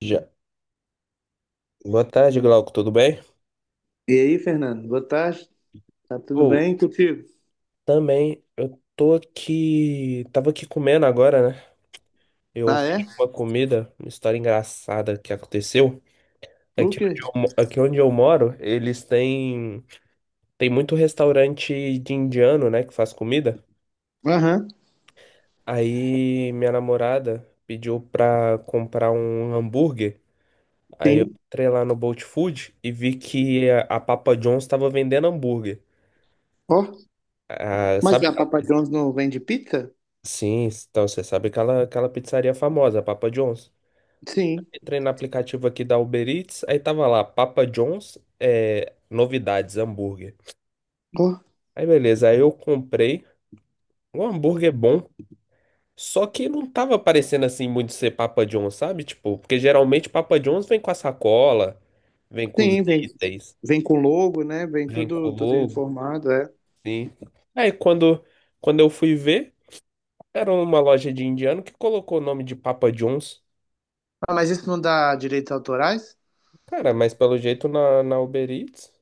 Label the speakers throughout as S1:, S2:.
S1: Já. Boa tarde, Glauco, tudo bem?
S2: E aí, Fernando, boa tarde. Tá tudo
S1: Ou
S2: bem contigo?
S1: também, eu tô aqui, tava aqui comendo agora, né? Eu
S2: Ah, é?
S1: pedi uma comida, uma história engraçada que aconteceu.
S2: O quê?
S1: Aqui onde eu moro, eles têm tem muito restaurante de indiano, né, que faz comida.
S2: Aham,
S1: Aí minha namorada pediu pra comprar um hambúrguer. Aí eu
S2: sim.
S1: entrei lá no Bolt Food e vi que a Papa John's tava vendendo hambúrguer.
S2: Ó,
S1: Ah,
S2: mas
S1: sabe
S2: a Papa John's não vende pizza?
S1: Sim, então você sabe aquela pizzaria famosa, Papa John's.
S2: Sim.
S1: Entrei no aplicativo aqui da Uber Eats, aí tava lá, Papa John's, novidades, hambúrguer.
S2: Ó,
S1: Aí beleza, aí eu comprei um hambúrguer bom, só que não tava parecendo assim muito ser Papa John's, sabe? Tipo, porque geralmente Papa John's vem com a sacola, vem com os
S2: sim, vem,
S1: itens,
S2: vem com logo, né? Vem
S1: vem com
S2: tudo,
S1: o
S2: tudo
S1: logo,
S2: informado, é.
S1: sim. Aí quando, quando eu fui ver, era uma loja de indiano que colocou o nome de Papa John's.
S2: Ah, mas isso não dá direitos autorais?
S1: Cara, mas pelo jeito na Uber Eats.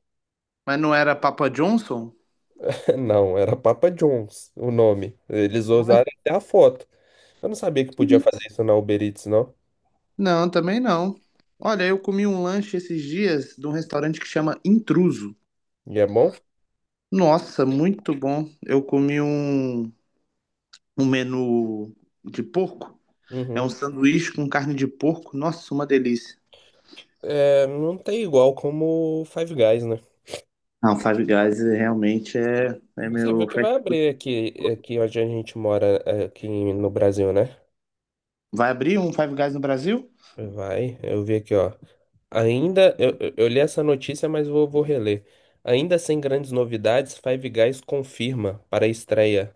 S2: Mas não era Papa Johnson?
S1: Não, era Papa John's o nome. Eles usaram até a foto. Eu não sabia que podia fazer isso na Uber Eats, não.
S2: Não, também não. Olha, eu comi um lanche esses dias de um restaurante que chama Intruso.
S1: E é bom?
S2: Nossa, muito bom. Eu comi um menu de porco. É um
S1: Uhum.
S2: sanduíche com carne de porco. Nossa, uma delícia.
S1: É, não tem igual como o Five Guys, né?
S2: Não, Five Guys realmente é
S1: Você
S2: meu
S1: viu que
S2: fast
S1: vai abrir aqui,
S2: food.
S1: aqui onde a gente mora, aqui no Brasil, né?
S2: Vai abrir um Five Guys no Brasil?
S1: Vai, eu vi aqui, ó. Ainda, eu li essa notícia, mas vou reler. Ainda sem grandes novidades, Five Guys confirma para a estreia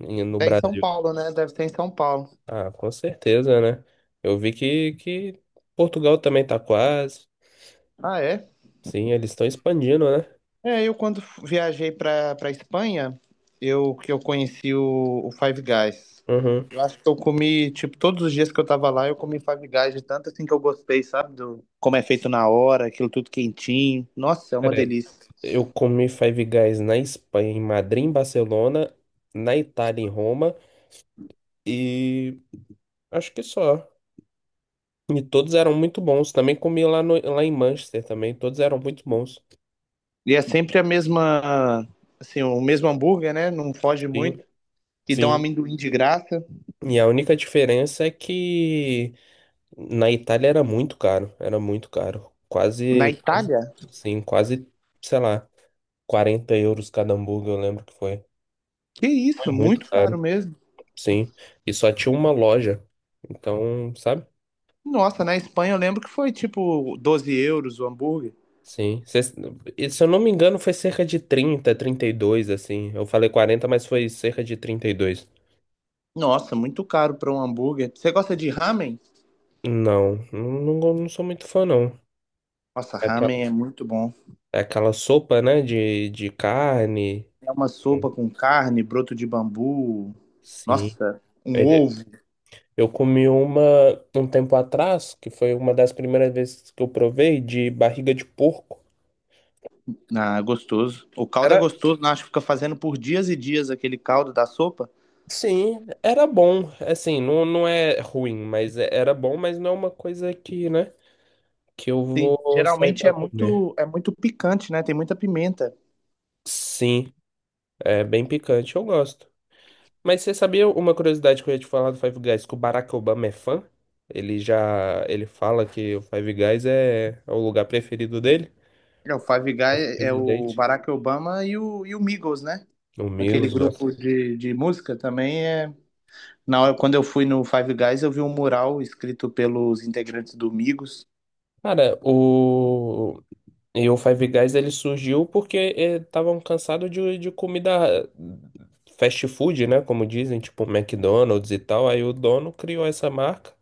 S1: no
S2: É em São
S1: Brasil.
S2: Paulo, né? Deve ser em São Paulo.
S1: Ah, com certeza, né? Eu vi que Portugal também tá quase.
S2: Ah, é?
S1: Sim, eles estão expandindo, né?
S2: É, eu quando viajei pra Espanha, eu que eu conheci o Five Guys.
S1: Uhum.
S2: Eu acho que eu comi, tipo, todos os dias que eu tava lá, eu comi Five Guys de tanto assim que eu gostei, sabe? Do, como é feito na hora, aquilo tudo quentinho. Nossa, é uma
S1: Cara,
S2: delícia.
S1: eu comi Five Guys na Espanha, em Madrid, em Barcelona, na Itália, em Roma, e acho que só. E todos eram muito bons. Também comi lá, no, lá em Manchester também, todos eram muito bons.
S2: E é sempre a mesma, assim, o mesmo hambúrguer, né? Não foge
S1: Sim,
S2: muito. E dão
S1: sim.
S2: amendoim de graça.
S1: E a única diferença é que na Itália era muito caro, era muito caro.
S2: Na
S1: Quase, quase,
S2: Itália?
S1: sim, quase, sei lá, 40 euros cada hambúrguer, eu lembro que foi.
S2: Que
S1: Foi?
S2: isso,
S1: É muito
S2: muito caro
S1: caro,
S2: mesmo.
S1: sim. E só tinha uma loja. Então, sabe?
S2: Nossa, na Espanha eu lembro que foi tipo 12 euros o hambúrguer.
S1: Sim. E se eu não me engano, foi cerca de trinta e dois assim. Eu falei 40 mas foi cerca de 32.
S2: Nossa, muito caro para um hambúrguer. Você gosta de ramen?
S1: Não, não, não, não sou muito fã, não.
S2: Nossa,
S1: É
S2: ramen
S1: Aquela,
S2: é muito bom.
S1: é aquela sopa, né, de carne.
S2: É uma sopa com carne, broto de bambu.
S1: Sim.
S2: Nossa, um
S1: Ele-
S2: ovo.
S1: Eu comi uma um tempo atrás, que foi uma das primeiras vezes que eu provei, de barriga de porco.
S2: Ah, gostoso. O caldo é
S1: Era
S2: gostoso, não acho que fica fazendo por dias e dias aquele caldo da sopa.
S1: Sim, era bom. Assim, não é ruim, mas era bom, mas não é uma coisa que, né, que eu
S2: Tem,
S1: vou sair
S2: geralmente
S1: pra comer.
S2: é muito picante, né? Tem muita pimenta.
S1: Sim, é bem picante, eu gosto. Mas você sabia uma curiosidade que eu ia te falar do Five Guys, que o Barack Obama é fã? Ele fala que o Five Guys é o lugar preferido dele,
S2: É, o Five
S1: esse
S2: Guys é o
S1: presidente.
S2: Barack Obama e o Migos, né?
S1: O
S2: Aquele
S1: Milos, gosta.
S2: grupo de música também é. Na hora, quando eu fui no Five Guys, eu vi um mural escrito pelos integrantes do Migos.
S1: Cara, o E o Five Guys ele surgiu porque estavam cansados de comida fast food, né? Como dizem, tipo McDonald's e tal. Aí o dono criou essa marca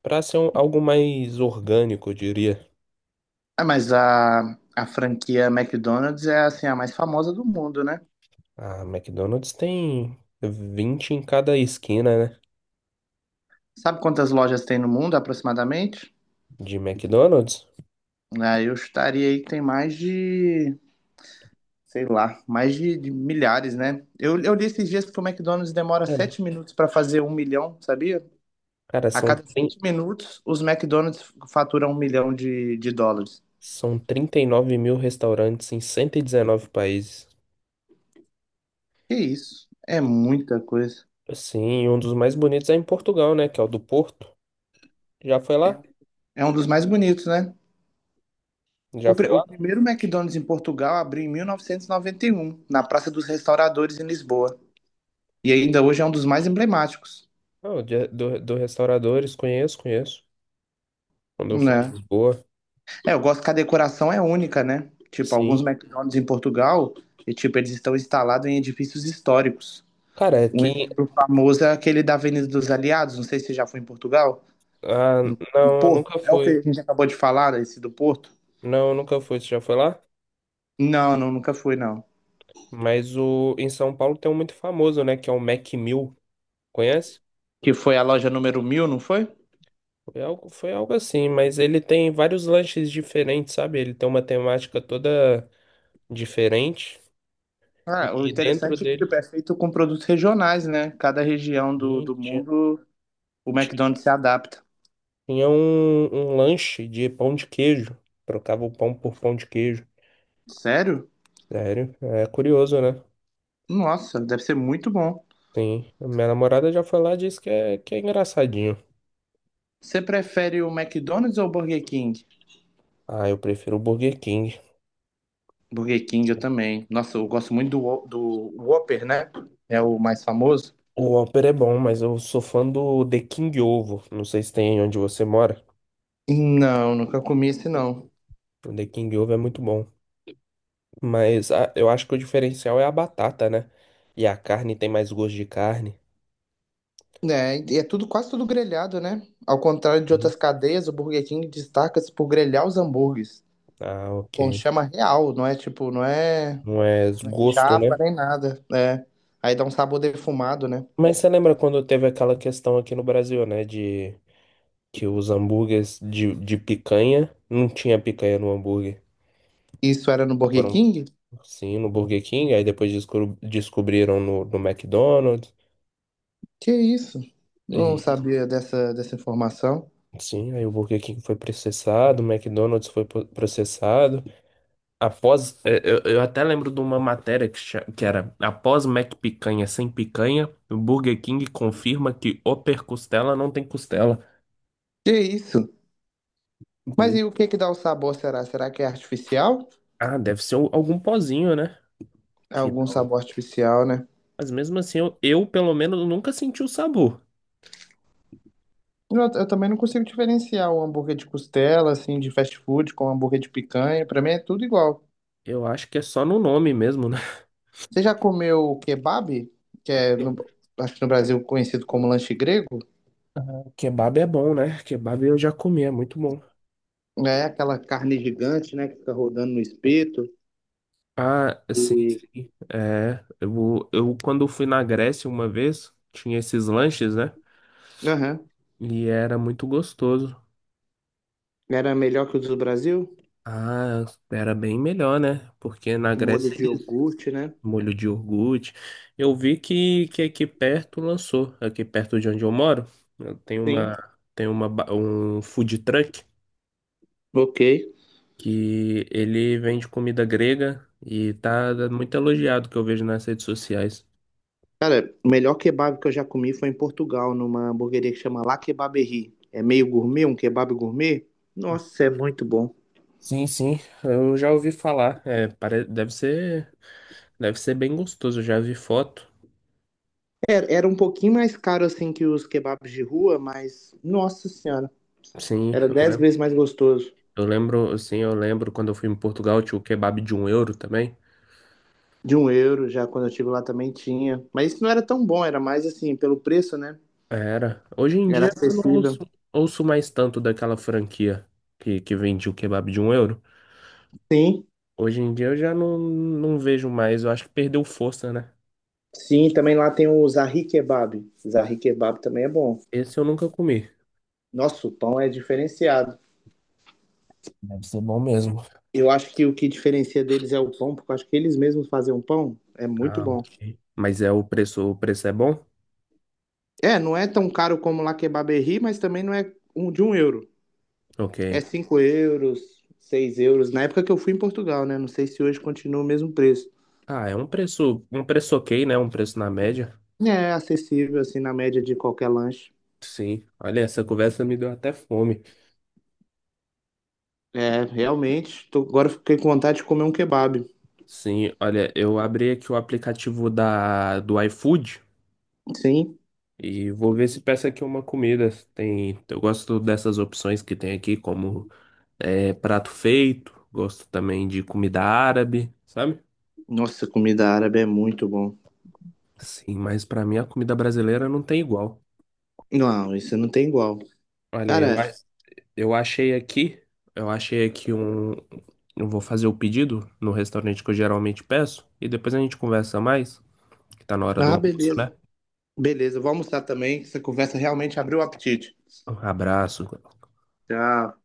S1: para ser algo mais orgânico, eu diria.
S2: Ah, mas a franquia McDonald's é assim a mais famosa do mundo, né?
S1: A McDonald's tem 20 em cada esquina, né?
S2: Sabe quantas lojas tem no mundo aproximadamente?
S1: De McDonald's.
S2: Ah, eu estaria aí que tem mais de sei lá, mais de milhares, né? Eu li esses dias que o McDonald's demora
S1: Cara,
S2: 7 minutos para fazer 1 milhão, sabia?
S1: cara,
S2: A
S1: são,
S2: cada
S1: trin-
S2: 7 minutos, os McDonald's faturam 1 milhão de dólares.
S1: são 39 mil restaurantes em 119 países.
S2: Que isso? É muita coisa.
S1: Sim, um dos mais bonitos é em Portugal, né? Que é o do Porto. Já foi
S2: É
S1: lá?
S2: um é um dos mais bonitos, né?
S1: Já
S2: O, pri-
S1: foi
S2: o
S1: lá?
S2: primeiro McDonald's em Portugal abriu em 1991, na Praça dos Restauradores, em Lisboa. E ainda hoje é um dos mais emblemáticos,
S1: Não, do restauradores, conheço, conheço. Quando eu fui em
S2: né?
S1: Lisboa,
S2: É, eu gosto que a decoração é única, né? Tipo, alguns
S1: sim.
S2: McDonald's em Portugal, e, tipo, eles estão instalados em edifícios históricos.
S1: Cara,
S2: Um
S1: aqui.
S2: exemplo famoso é aquele da Avenida dos Aliados, não sei se você já foi em Portugal.
S1: Ah,
S2: No
S1: não, eu
S2: Porto,
S1: nunca
S2: é o que a
S1: fui.
S2: gente acabou de falar, esse do Porto?
S1: Não, eu nunca fui. Você já foi lá?
S2: Não, não, nunca fui, não.
S1: Mas o, em São Paulo tem um muito famoso, né? Que é o Mac Mill. Conhece?
S2: Que foi a loja número 1.000, não foi?
S1: Foi algo assim, mas ele tem vários lanches diferentes, sabe? Ele tem uma temática toda diferente.
S2: Ah, o
S1: E dentro
S2: interessante é que tipo,
S1: dele
S2: é feito com produtos regionais, né? Cada região do,
S1: sim,
S2: do mundo, o McDonald's se adapta.
S1: tinha um lanche de pão de queijo. Trocava o pão por pão de queijo.
S2: Sério?
S1: Sério, é curioso, né?
S2: Nossa, deve ser muito bom.
S1: Sim, minha namorada já foi lá e disse que que é engraçadinho.
S2: Você prefere o McDonald's ou o Burger King?
S1: Ah, eu prefiro o Burger King.
S2: Burger King eu também. Nossa, eu gosto muito do Whopper, né? É o mais famoso.
S1: O Whopper é bom, mas eu sou fã do The King Ovo. Não sei se tem onde você mora.
S2: Não, nunca comi esse não.
S1: O The King Ovo é muito bom. Eu acho que o diferencial é a batata, né? E a carne tem mais gosto de carne.
S2: É, e é tudo quase tudo grelhado, né? Ao contrário de
S1: Uhum.
S2: outras cadeias, o Burger King destaca-se por grelhar os hambúrgueres.
S1: Ah,
S2: Com
S1: ok.
S2: chama real, não é tipo, não é
S1: Não é gosto,
S2: chapa
S1: né?
S2: nem nada, né? Aí dá um sabor defumado, né?
S1: Mas você lembra quando teve aquela questão aqui no Brasil, né? De que os hambúrgueres de picanha não tinha picanha no hambúrguer.
S2: Isso era no Burger
S1: Foram
S2: King?
S1: Sim, no Burger King, aí depois descobriram no McDonald's.
S2: Que isso? Não
S1: E,
S2: sabia dessa informação.
S1: sim, aí o Burger King foi processado, o McDonald's foi processado. Após, eu até lembro de uma matéria que, que era após McPicanha sem picanha, o Burger King confirma que Upper Costela não tem costela.
S2: Que isso? Mas
S1: Pois-
S2: e o que que dá o sabor, será? Será que é artificial?
S1: Ah, deve ser algum pozinho, né? Que
S2: Algum
S1: tal?
S2: sabor artificial, né?
S1: Mas mesmo assim, eu pelo menos nunca senti o sabor.
S2: Eu também não consigo diferenciar o hambúrguer de costela, assim, de fast food com um hambúrguer de picanha. Pra mim é tudo igual.
S1: Eu acho que é só no nome mesmo, né?
S2: Você já comeu kebab? Que é, acho que no Brasil conhecido como lanche grego?
S1: Kebab é bom, né? Kebab eu já comi, é muito bom.
S2: É aquela carne gigante, né? Que fica rodando no espeto.
S1: Ah, sim,
S2: E...
S1: sim. É, eu quando fui na Grécia uma vez, tinha esses lanches, né?
S2: Aham.
S1: E era muito gostoso.
S2: Era melhor que o do Brasil?
S1: Ah, era bem melhor, né? Porque na
S2: Com molho
S1: Grécia
S2: de
S1: eles
S2: iogurte, né?
S1: molho de iogurte. Eu vi que aqui perto lançou, aqui perto de onde eu moro, tem
S2: Sim.
S1: uma tem um food truck
S2: Ok.
S1: que ele vende comida grega e tá muito elogiado que eu vejo nas redes sociais.
S2: O melhor kebab que eu já comi foi em Portugal, numa hamburgueria que chama La Kebaberie. É meio gourmet, um kebab gourmet. Nossa, é muito bom.
S1: Sim, eu já ouvi falar. É, pare... deve ser bem gostoso. Eu já vi foto.
S2: Era um pouquinho mais caro assim que os kebabs de rua, mas nossa senhora,
S1: Sim,
S2: era
S1: eu
S2: dez
S1: lembro.
S2: vezes mais gostoso.
S1: Eu lembro, sim, eu lembro quando eu fui em Portugal, tinha o kebab de um euro também.
S2: De um euro, já quando eu estive lá também tinha. Mas isso não era tão bom, era mais assim, pelo preço, né?
S1: Era. Hoje em
S2: Era
S1: dia eu não
S2: acessível.
S1: ouço, ouço mais tanto daquela franquia que vende o kebab de um euro.
S2: Sim,
S1: Hoje em dia eu já não vejo mais. Eu acho que perdeu força, né?
S2: sim, também lá tem o Zahri Kebab. Zahri Kebab também é bom.
S1: Esse eu nunca comi.
S2: Nossa, o pão é diferenciado.
S1: Deve ser bom mesmo.
S2: Eu acho que o que diferencia deles é o pão, porque eu acho que eles mesmos fazem um pão. É muito
S1: Ah,
S2: bom.
S1: ok. Mas é o preço é bom?
S2: É, não é tão caro como lá Kebaberri, mas também não é um, de um euro.
S1: Ok.
S2: É 5 euros, 6 euros. Na época que eu fui em Portugal, né? Não sei se hoje continua o mesmo preço.
S1: Ah, é um preço ok, né? Um preço na média.
S2: É acessível, assim, na média de qualquer lanche.
S1: Sim. Olha, essa conversa me deu até fome.
S2: É, realmente. Tô, agora eu fiquei com vontade de comer um kebab.
S1: Sim, olha, eu abri aqui o aplicativo da do iFood
S2: Sim.
S1: e vou ver se peço aqui uma comida. Tem, eu gosto dessas opções que tem aqui, como é, prato feito, gosto também de comida árabe, sabe?
S2: Nossa, comida árabe é muito bom.
S1: Sim, mas pra mim a comida brasileira não tem igual.
S2: Não, isso não tem igual.
S1: Olha, eu,
S2: Cara,
S1: Eu achei aqui, eu achei aqui um. Eu vou fazer o pedido no restaurante que eu geralmente peço e depois a gente conversa mais, que tá na hora do
S2: ah,
S1: almoço,
S2: beleza.
S1: né?
S2: Beleza, eu vou almoçar também, que essa conversa realmente abriu o apetite.
S1: Um abraço.
S2: Tchau.